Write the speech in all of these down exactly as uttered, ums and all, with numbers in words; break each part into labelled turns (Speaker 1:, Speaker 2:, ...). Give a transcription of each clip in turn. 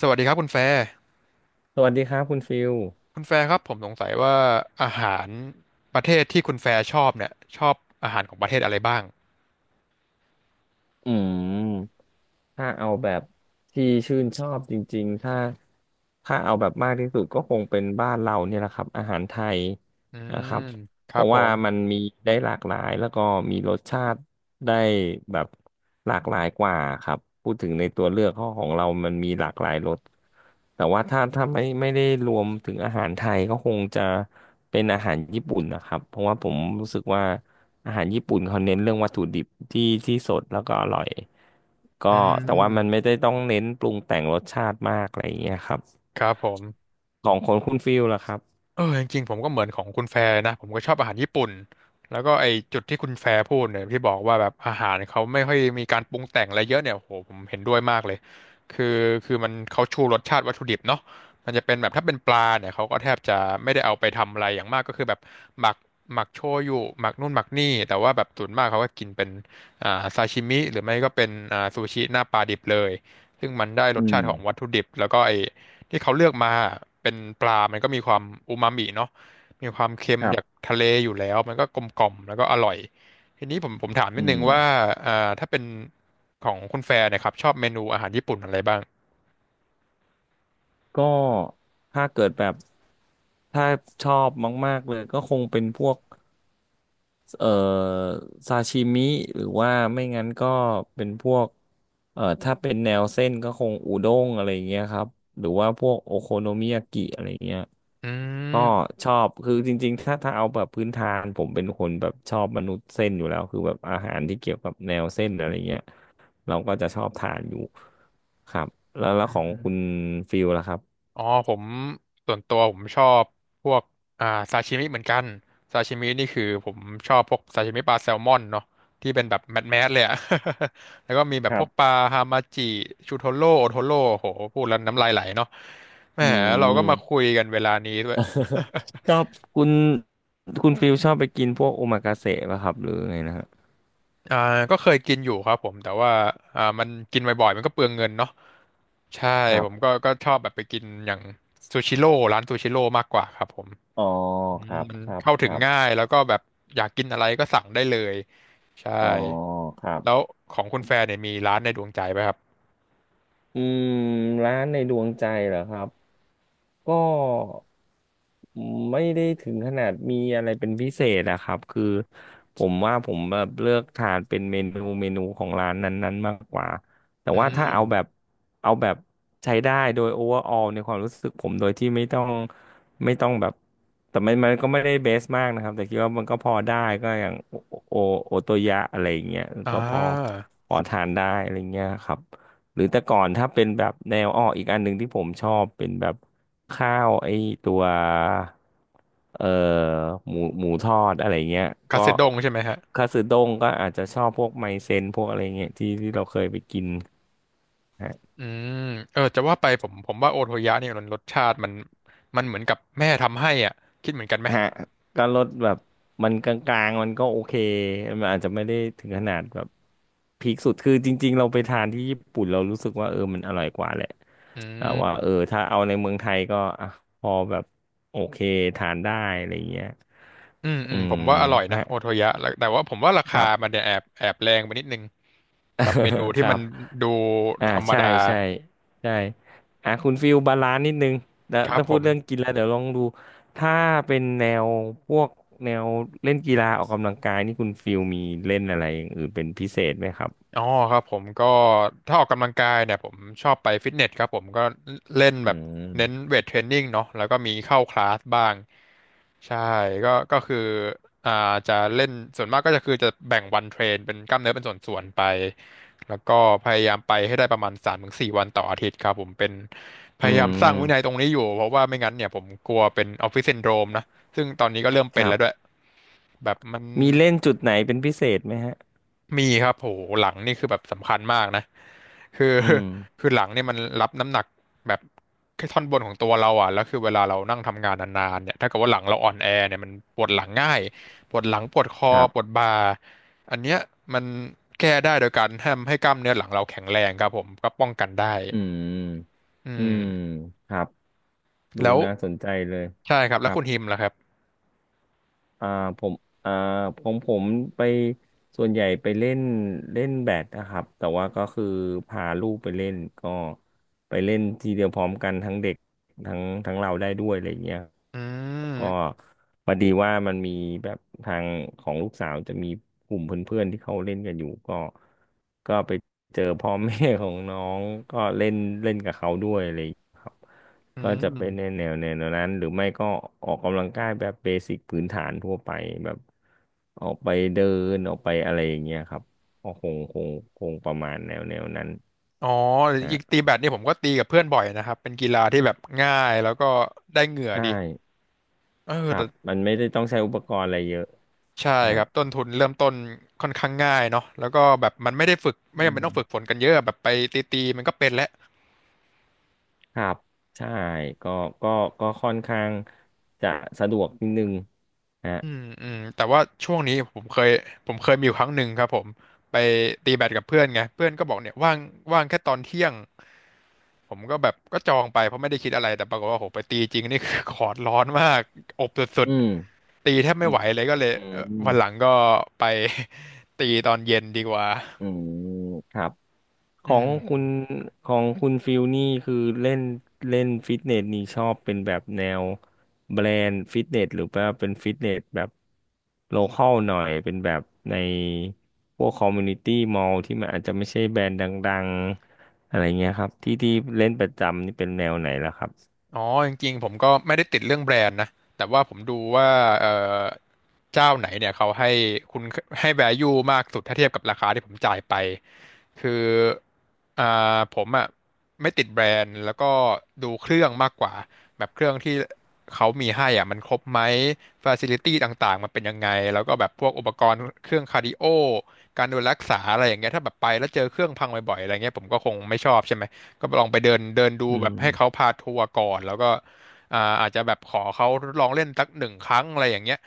Speaker 1: สวัสดีครับคุณแฟร์
Speaker 2: สวัสดีครับคุณฟิล
Speaker 1: คุณแฟร์ครับผมสงสัยว่าอาหารประเทศที่คุณแฟร์ชอบเนี่ยชอบอาหารของประเทศอะไรบ้าง
Speaker 2: อืมถ้าเอาแบบที่ชื่นชอบจริงๆถ้าถ้าเอาแบบมากที่สุดก็คงเป็นบ้านเราเนี่ยแหละครับอาหารไทย
Speaker 1: อื
Speaker 2: นะค
Speaker 1: ม
Speaker 2: รับ
Speaker 1: ค
Speaker 2: เพ
Speaker 1: รับ
Speaker 2: ราะ
Speaker 1: ผ
Speaker 2: ว่า
Speaker 1: ม
Speaker 2: มันมีได้หลากหลายแล้วก็มีรสชาติ ได้แบบหลากหลายกว่าครับพูดถึงในตัวเลือกข้อของเรามันมีหลากหลายรสแต่ว่าถ้าถ้าไม่ไม่ได้รวมถึงอาหารไทยก็คงจะเป็นอาหารญี่ปุ่นนะครับเพราะว่าผมรู้สึกว่าอาหารญี่ปุ่นเขาเน้นเรื่องวัตถุดิบที่ที่สดแล้วก็อร่อย
Speaker 1: อื
Speaker 2: ก็แต่ว่ามันไม่
Speaker 1: ม
Speaker 2: ได้ต้องเน้นปรุงแต่งรสชาติมากอะไรอย่างเงี้ยครับ
Speaker 1: ครับผม
Speaker 2: ของคนคุณฟิลล่ะครับ
Speaker 1: เออจริงๆผมก็เหมือนของคุณแฟร์นะผมก็ชอบอาหารญี่ปุ่นแล้วก็ไอจุดที่คุณแฟร์พูดเนี่ยที่บอกว่าแบบอาหารเขาไม่ค่อยมีการปรุงแต่งอะไรเยอะเนี่ยโอ้โหผมเห็นด้วยมากเลยคือคือมันเขาชูรสชาติวัตถุดิบเนาะมันจะเป็นแบบถ้าเป็นปลาเนี่ยเขาก็แทบจะไม่ได้เอาไปทำอะไรอย่างมากก็คือแบบหมักหมักโชยุหมักนู่นหมักนี่แต่ว่าแบบส่วนมากเขาก็กินเป็นอ่าซาชิมิหรือไม่ก็เป็นอ่าซูชิหน้าปลาดิบเลยซึ่งมันได้ร
Speaker 2: อื
Speaker 1: สชา
Speaker 2: ม
Speaker 1: ติของวัตถุดิบแล้วก็ไอ ที่เขาเลือกมาเป็นปลามันก็มีความอูมามิเนาะมีความเค็ม
Speaker 2: ครั
Speaker 1: จาก
Speaker 2: บ
Speaker 1: ทะเลอยู่แล้วมันก็กลมกล่อมแล้วก็อร่อยทีนี้ผมผมถามนิ
Speaker 2: อื
Speaker 1: ดนึ
Speaker 2: ม
Speaker 1: งว่าอ่าถ้าเป็นของคุณแฟร์เนยครับชอบเมนูอาหารญี่ปุ่นอะไรบ้าง
Speaker 2: ก็ถ้าเกิดแบบถ้าชอบมากๆเลยก็คงเป็นพวกเอ่อซาชิมิหรือว่าไม่งั้นก็เป็นพวกเอ่อถ้าเป็นแนวเส้นก็คงอุด้งอะไรอย่างเงี้ยครับหรือว่าพวกโอโคโนมิยากิอะไรอย่างเงี้ย
Speaker 1: อื
Speaker 2: ก็
Speaker 1: ม
Speaker 2: ชอบคือจริงๆถ้าถ้าเอาแบบพื้นฐานผมเป็นคนแบบชอบมนุษย์เส้นอยู่แล้วคือแบบอาหารที่เกี่ยวกับแนวเส้นอะไรเงี้ยเราก็จะชอบทานอยู่ครับแล้วแล้ว
Speaker 1: อื
Speaker 2: ของ
Speaker 1: ม
Speaker 2: คุณฟิลล่ะครับ
Speaker 1: อ๋อผมส่วนตัวผมชอบพวกอ่าซาชิมิเหมือนกันซาชิมินี่คือผมชอบพวกซาชิมิปลาแซลมอนเนาะที่เป็นแบบแมสแมสเลยอะ แล้วก็มีแบบ
Speaker 2: ค
Speaker 1: พ
Speaker 2: รั
Speaker 1: วกปลา
Speaker 2: บ
Speaker 1: ฮามาจิชูโทโร่โอโทโร่โหพูดแล้วน้ำลายไหลเนาะแหม
Speaker 2: อื
Speaker 1: เราก็มาคุ
Speaker 2: ม
Speaker 1: ยกันเวลานี้ด้วย
Speaker 2: ชอบคุณคุณฟิลชอบไปกินพวกโอมากาเสะป่ะครับหรือไงนะฮะ
Speaker 1: อ่าก็เคยกินอยู่ครับผมแต่ว่าอ่ามันกินบ่อยๆมันก็เปลืองเงินเนาะใช่
Speaker 2: ครั
Speaker 1: ผมก็
Speaker 2: บ
Speaker 1: ก็ชอบแบบไปกินอย่างซูชิโร่ร้านซูชิโร่มากกว่าครับผม
Speaker 2: อ๋อ
Speaker 1: อื
Speaker 2: ค
Speaker 1: ม
Speaker 2: รับ
Speaker 1: มัน
Speaker 2: ครับ
Speaker 1: เข้า
Speaker 2: ค
Speaker 1: ถึง
Speaker 2: รั
Speaker 1: ง่า
Speaker 2: บ
Speaker 1: ยแล้วก็แบบอยากกินอะไรก็สั่งได้เลยใช่
Speaker 2: อ๋อครั
Speaker 1: แล้ว
Speaker 2: บ
Speaker 1: ของคุณแฟนเนี่ยมีร้านในดวงใจไหมครับ
Speaker 2: อืมร้านในดวงใจเหรอครับ ก็ไม่ได้ถึงขนาดมีอะไรเป็นพิเศษอะครับคือผมว่าผมแบบเลือกทานเป็นเมนูเมนูของร้านนั้นๆมากกว่าแต่
Speaker 1: อื
Speaker 2: ว่าถ้าเอาแบบ
Speaker 1: ม
Speaker 2: เอาแบบใช้ได้โดยโอเวอร์ออลในความรู้สึกผมโดยที่ไม่ต้องไม่ต้องแบบแต่มันมันก็ไม่ได้เบสมากนะครับแต่คิดว่ามันก็พอได้ก็อย่างโอโอโอโตยะอะไรอย่างเงี้ย
Speaker 1: อ่
Speaker 2: ก็พอ
Speaker 1: า
Speaker 2: พอทานได้อะไรเงี้ยครับ หรือแต่ก่อนถ้าเป็นแบบแนวอ้ออีกอันหนึ่งที่ผมชอบเป็นแบบข้าวไอ้ตัวเอ่อหมูหมูทอดอะไรเงี้ย
Speaker 1: คา
Speaker 2: ก็
Speaker 1: เซดงใช่ไหมฮะ
Speaker 2: คาสึด้งก็อาจจะชอบพวกไมเซนพวกอะไรเงี้ยที่ที่เราเคยไปกิน
Speaker 1: อืมเออจะว่าไปผมผมว่าโอโทยะเนี่ยมันรสชาติมันมันเหมือนกับแม่ทำให้อ่ะคิดเหมือนกันไหม
Speaker 2: ฮะก็ลดแบบมันกลางๆมันก็โอเคมันอาจจะไม่ได้ถึงขนาดแบบพีคสุดคือจริงๆเราไปทานที่ญี่ปุ่นเรารู้สึกว่าเออมันอร่อยกว่าแหละ
Speaker 1: อื
Speaker 2: แต่ว่าเออ
Speaker 1: ม
Speaker 2: ถ้าเอาในเมืองไทยก็อ่ะพอแบบโอเคทานได้อะไรเงี้ย
Speaker 1: อืมอื
Speaker 2: อื
Speaker 1: มผ
Speaker 2: ม
Speaker 1: มว่าอร่อยนะ
Speaker 2: ฮะ
Speaker 1: โอโทยะแล้วแต่ว่าผมว่ารา
Speaker 2: ค
Speaker 1: คา
Speaker 2: รับ
Speaker 1: มันเนี่ยแอบแอบแรงไปนิดนึงกับเมนู
Speaker 2: ค
Speaker 1: ที่มั
Speaker 2: รั
Speaker 1: น
Speaker 2: บ
Speaker 1: ดู
Speaker 2: อ่า
Speaker 1: ธรรม
Speaker 2: ใช่
Speaker 1: ดา
Speaker 2: ใช่ใช่อ่ะคุณฟิลบาลานซ์นิดนึงแล้ว
Speaker 1: ครับ
Speaker 2: ถ้า
Speaker 1: ผ
Speaker 2: พูดเรื่อง
Speaker 1: ม
Speaker 2: กินแล้วเดี๋ยวลองดูถ้าเป็นแนวพวกแนวเล่นกีฬาออกกำลังกายนี่คุณฟิลมีเล่นอะไรอย่างอื่นเป็นพิเศษไหมครับ
Speaker 1: อ๋อครับผมก็ถ้าออกกำลังกายเนี่ยผมชอบไปฟิตเนสครับผมก็เล่นแบ
Speaker 2: อื
Speaker 1: บเน้น
Speaker 2: ม
Speaker 1: เวทเทรนนิ่งเนาะแล้วก็มีเข้าคลาสบ้างใช่ก็ก็คืออ่าจะเล่นส่วนมากก็จะคือจะแบ่งวันเทรนเป็นกล้ามเนื้อเป็นส่วนๆไปแล้วก็พยายามไปให้ได้ประมาณสามถึงสี่วันต่ออาทิตย์ครับผมเป็นพ
Speaker 2: อื
Speaker 1: ยายามสร้างวินัย
Speaker 2: ม
Speaker 1: ตรงนี้อยู่เพราะว่าไม่งั้นเนี่ยผมกลัวเป็นออฟฟิศซินโดรมนะซึ่งตอนนี้ก็เริ่ม
Speaker 2: ค
Speaker 1: เป็น
Speaker 2: รั
Speaker 1: แล้
Speaker 2: บ
Speaker 1: วด้วยแบบมัน
Speaker 2: มีเล่นจุดไหนเป็นพิเศษไหมฮะ
Speaker 1: มีครับโหหลังนี่คือแบบสำคัญมากนะคือ
Speaker 2: อืม
Speaker 1: คือหลังเนี่ยมันรับน้ำหนักแบบแค่ท่อนบนของตัวเราอ่ะแล้วคือเวลาเรานั่งทำงานนานๆเนี่ยถ้าเกิดว่าหลังเราอ่อนแอเนี่ยมันปวดหลังง่ายปวดหลังปวดคอ
Speaker 2: ครับ
Speaker 1: ปวดบ่าอันเนี้ยมันแก้ได้โดยการทำให้กล้ามเนื้อหลังเราแข็งแรงครับผมก็ป้องกันได้
Speaker 2: อืม
Speaker 1: อื
Speaker 2: อืม
Speaker 1: ม
Speaker 2: ครับดู
Speaker 1: แล้ว
Speaker 2: น่าสนใจเลย
Speaker 1: ใช่ครับ
Speaker 2: ค
Speaker 1: แล้ว
Speaker 2: รับ
Speaker 1: คุณฮิมล่ะครับ
Speaker 2: อ่าผมอ่าผมผมไปส่วนใหญ่ไปเล่นเล่นแบดนะครับแต่ว่าก็คือพาลูกไปเล่นก็ไปเล่นทีเดียวพร้อมกันทั้งเด็กทั้งทั้งเราได้ด้วยอะไรเงี้ย
Speaker 1: อื
Speaker 2: ก็
Speaker 1: ม
Speaker 2: พอดีว่ามันมีแบบทางของลูกสาวจะมีกลุ่มเพื่อนๆที่เขาเล่นกันอยู่ก็ก็ไปเจอพ่อแม่ของน้องก็เล่นเล่นกับเขาด้วยอะไรอย่างเงี้ยครับ
Speaker 1: อื
Speaker 2: ก็จะเป็น
Speaker 1: ม
Speaker 2: ในแนวแนวนั้นหรือไม่ก็ออกกำลังกายแบบเบสิกพื้นฐานทั่วไปแบบออกไปเดินออกไปอะไรอย่างเงี้ยครับก็คงคงคงประมาณแนวแนวนั้น
Speaker 1: อ๋อจ
Speaker 2: ฮะ
Speaker 1: ริงๆตีแบดนี่ผมก็ตีกับเพื่อนบ่อยนะครับเป็นกีฬาที่แบบง่ายแล้วก็ได้เหงื่อ
Speaker 2: ใช่
Speaker 1: ดี เออ
Speaker 2: ครั
Speaker 1: แต่
Speaker 2: บมันไม่ได้ต้องใช้อุปกรณ์อะไรเยอะ
Speaker 1: ใช่ค
Speaker 2: ฮะ
Speaker 1: รับ ต้นทุนเริ่มต้นค่อนข้างง่ายเนาะแล้วก็แบบมันไม่ได้ฝึก ไม่
Speaker 2: อื
Speaker 1: จำเป็นต้องฝึกฝ
Speaker 2: ม
Speaker 1: นกันเยอะแบบไปตีๆมันก็เป็นแล้ว
Speaker 2: ครับใช่ก็ก็ก็ค่อนข้างจะสะดวกนิดนึงฮะ
Speaker 1: อืมอืมแต่ว่าช่วงนี้ผมเคยผมเคยมีอยู่ครั้งหนึ่งครับผม ไปตีแบดกับเพื่อนไงเพื่อนก็บอกเนี่ยว่างว่างแค่ตอนเที่ยงผมก็แบบก็จองไปเพราะไม่ได้คิดอะไรแต่ปรากฏว่าโหไปตีจริงนี่คือ คอร์ดร้อนมาก อบสุด
Speaker 2: อืม
Speaker 1: ๆตีแทบ
Speaker 2: อื
Speaker 1: ไม่ไห
Speaker 2: ม
Speaker 1: วเลยก็เลย
Speaker 2: อื
Speaker 1: เอ่อ
Speaker 2: ม
Speaker 1: วันหลังก็ไป ตีตอนเย็นดีกว่า
Speaker 2: อืมครับ ข
Speaker 1: อื
Speaker 2: อง
Speaker 1: ม
Speaker 2: คุณของคุณฟิลนี่คือเล่นเล่นฟิตเนสนี่ชอบเป็นแบบแนวแบรนด์ฟิตเนสหรือว่าเป็นฟิตเนสแบบโลคอลหน่อยเป็นแบบในพวกคอมมูนิตี้มอลที่มันอาจจะไม่ใช่แบรนด์ดังๆอะไรเงี้ยครับที่ที่เล่นประจำนี่เป็นแนวไหนล่ะครับ
Speaker 1: อ๋อจริงๆผมก็ไม่ได้ติดเรื่องแบรนด์นะแต่ว่าผมดูว่าเอ่อเจ้าไหนเนี่ยเขาให้คุณให้ แวลู มากสุดถ้าเทียบกับราคาที่ผมจ่ายไปคืออ่าผมอ่ะไม่ติดแบรนด์แล้วก็ดูเครื่องมากกว่าแบบเครื่องที่เขามีให้อ่ะมันครบไหมฟ a ซิลิตี้ต่างๆมันเป็นยังไงแล้วก็แบบพวกอุปกรณ์เครื่องคาร์ดิโอการดูแลรักษาอะไรอย่างเงี้ยถ้าแบบไปแล้วเจอเครื่องพังบ่อยๆอะไรเงี้ยผมก็คงไม่ชอบใช่ไหม ก็ลองไปเดินเดินดู
Speaker 2: อื
Speaker 1: แบบ
Speaker 2: ม
Speaker 1: ให้เขาพาทัวร์ก่อนแล้วก็อ่าอาจจะแบบขอเขาทดลองเล่นสักหนึ่งครั้งอะไรอย่างเงี้ย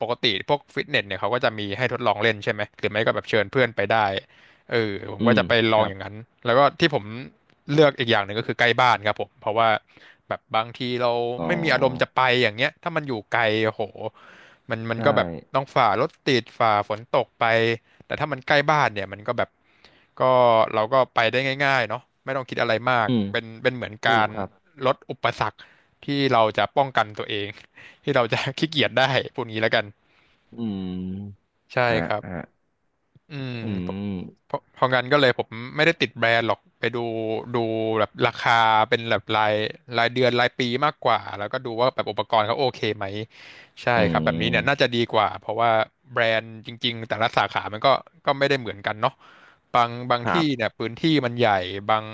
Speaker 1: ปกติพวกฟิตเนสเนี่ยเขาก็จะมีให้ทดลองเล่นใช่ไหมหรือไม่ก็แบบเชิญเพื่อนไปได้เออผม
Speaker 2: อื
Speaker 1: ก็
Speaker 2: ม
Speaker 1: จะไปล
Speaker 2: ค
Speaker 1: อง
Speaker 2: รั
Speaker 1: อ
Speaker 2: บ
Speaker 1: ย่างนั้นแล้วก็ที่ผมเลือกอีกอย่างหนึ่งก็คือใกล้บ้านครับผมเพราะว่าแบบบางทีเรา
Speaker 2: อ๋อ
Speaker 1: ไม่มีอารมณ์จะไปอย่างเงี้ยถ้ามันอยู่ไกลโอ้โหมันมัน
Speaker 2: ใช่
Speaker 1: ก็แบบต้องฝ่ารถติดฝ่าฝนตกไป แต่ถ้ามันใกล้บ้านเนี่ยมันก็แบบก็เราก็ไปได้ง่ายๆเนาะไม่ต้องคิดอะไรมาก
Speaker 2: อืม
Speaker 1: เป็นเป็นเหมือน
Speaker 2: ถู
Speaker 1: กา
Speaker 2: ก
Speaker 1: ร
Speaker 2: ครับ
Speaker 1: ลดอุปสรรคที่เราจะป้องกันตัวเอง ที่เราจะขี้เกียจได้พูดงี้แล้วกัน
Speaker 2: อืม
Speaker 1: ใช่
Speaker 2: ฮะ
Speaker 1: ครับ
Speaker 2: ฮะ
Speaker 1: อืม
Speaker 2: อื
Speaker 1: เพราะเพ
Speaker 2: ม
Speaker 1: ราะเพราะงั้นก็เลยผมไม่ได้ติดแบรนด์หรอกไปดูดูแบบราคาเป็นแบบรายรายเดือนรายปีมากกว่าแล้วก็ดูว่าแบบอุปกรณ์เขาโอเคไหมใช่
Speaker 2: อื
Speaker 1: ครับแบบนี้เนี่ย น่า
Speaker 2: ม
Speaker 1: จะดีกว่าเพราะว่าแบรนด์จริงๆแต่ละสาขามันก็ก็ไม่ได้เหมือนกันเนาะบางบาง
Speaker 2: ครั
Speaker 1: ที่
Speaker 2: บ
Speaker 1: เนี่ยพื้นที่มันใหญ่บาง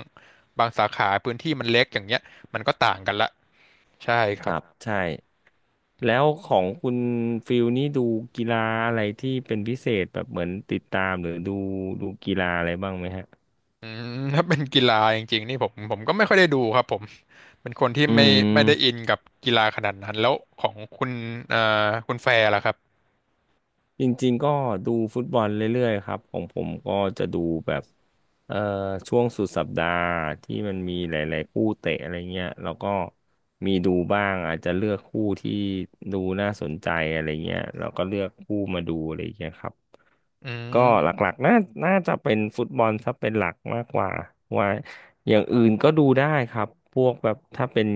Speaker 1: บางสาขาพื้นที่มันเล็กอย่างเงี้ยมันก็ต่างกันละใช่ค
Speaker 2: ค
Speaker 1: รั
Speaker 2: รับ
Speaker 1: บ
Speaker 2: ใช่ แล้วของคุณฟิลนี่ดูกีฬาอะไรที่เป็นพิเศษแบบเหมือนติดตามหรือดูดูกีฬาอะไรบ้างไหมฮะ
Speaker 1: อืม ถ้าเป็นกีฬาจริงๆนี่ผมผมก็ไม่ค่อยได้ดูครับผมเป็นคนที่
Speaker 2: อื
Speaker 1: ไม่ไม่ได้อิน
Speaker 2: ม
Speaker 1: กับกีฬาขนาดนั้นแล้วของคุณเอ่อคุณแฟร์ล่ะครับ
Speaker 2: จริงๆก็ดูฟุตบอลเรื่อยๆครับของผมก็จะดูแบบเอ่อช่วงสุดสัปดาห์ที่มันมีหลายๆคู่เตะอะไรเงี้ยแล้วก็มีดูบ้างอาจจะเลือกคู่ที่ดูน่าสนใจอะไรเงี้ยแล้วก็เลือกคู่มาดูอะไรเงี้ยครับ
Speaker 1: อื
Speaker 2: ก็ห
Speaker 1: ม
Speaker 2: ลักๆน่าน่าจะเป็นฟุตบอลซะเป็นหลักมากกว่าว่าอย่างอื่นก็ดูได้ครับพวกแบบถ้าเป็น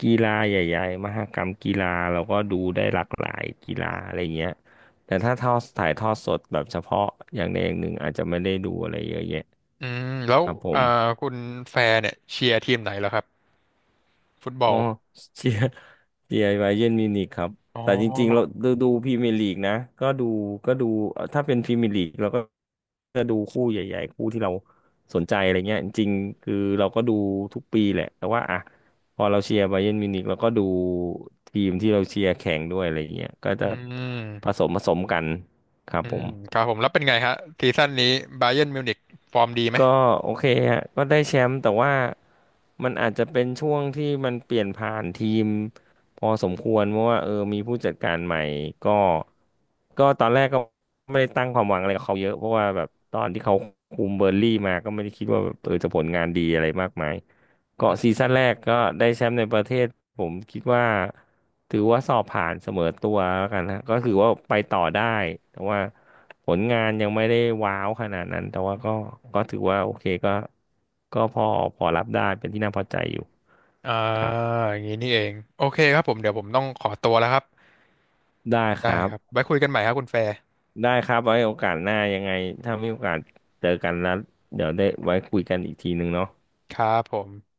Speaker 2: กีฬาใหญ่ๆมหกรรมกีฬาเราก็ดูได้หลากหลายกีฬาอะไรเงี้ยแต่ถ้าทอดถ่ายทอดสดแบบเฉพาะอย่างใดอย่างหนึ่งอาจจะไม่ได้ดูอะไรเยอะแยะ
Speaker 1: อืมแล้ว
Speaker 2: ครับผ
Speaker 1: เอ่อ
Speaker 2: ม
Speaker 1: คุณแฟร์เนี่ยเชียร์ทีมไหนเหรอครับฟุตบอ
Speaker 2: อ๋อ
Speaker 1: ล
Speaker 2: เชียร์เชียร์ไบเยิร์นมิวนิกครับ
Speaker 1: อ๋อ
Speaker 2: แต่จริงๆเราดูดูพรีเมียร์ลีกนะก็ดูก็ดูเอ่อถ้าเป็นพรีเมียร์ลีกเราก็จะดูคู่ใหญ่ๆคู่ที่เราสนใจอะไรเงี้ยจริงๆคือเราก็ดูทุกปีแหละแต่ว่าอ่ะพอเราเชียร์ไบเยิร์นมิวนิกเราก็ดูทีมที่เราเชียร์แข่งด้วยอะไรเงี้ยก็
Speaker 1: อื
Speaker 2: จะผ
Speaker 1: ม
Speaker 2: สมผสมกันครับ
Speaker 1: อื
Speaker 2: ผ
Speaker 1: ม
Speaker 2: ม
Speaker 1: ครับผมแล้วเป็นไงฮะซีซั่นนี้บ a เยิร์นมิวนิกฟอร์มดีไหม
Speaker 2: ก็โอเคฮะก็ได้แชมป์แต่ว่ามันอาจจะเป็นช่วงที่มันเปลี่ยนผ่านทีมพอสมควรเพราะว่าเออมีผู้จัดการใหม่ก็ก็ตอนแรกก็ไม่ได้ตั้งความหวังอะไรกับเขาเยอะเพราะว่าแบบตอนที่เขาคุมเบอร์นลี่มาก็ไม่ได้คิดว่าแบบเออจะผลงานดีอะไรมากมาย
Speaker 1: อื
Speaker 2: เกาะซี
Speaker 1: ม
Speaker 2: ซั่นแรกก็ได้แชมป์ในประเทศผมคิดว่าถือว่าสอบผ่านเสมอตัวแล้วกันนะก็คือว่าไปต่อได้แต่ว่าผลงานยังไม่ได้ว้าวขนาดนั้นแต่ว่าก็ก็ถือว่าโอเคก็ก็พอพอรับได้เป็นที่น่าพอใจอยู่
Speaker 1: อ่า
Speaker 2: ครับ
Speaker 1: อย่างนี้นี่เองโอเคครับผมเดี๋ยวผมต้องขอตัวแล้วครับ
Speaker 2: ได้ค
Speaker 1: ได้
Speaker 2: รับ
Speaker 1: ครับไว้คุยกันใหม่ครับคุณแฟร์
Speaker 2: ได้ครับไว้โอกาสหน้ายังไงถ้ามีโอกาสเจอกันแล้วเดี๋ยวได้ไว้คุยกันอีกทีหนึ่งเนาะ
Speaker 1: ครับผม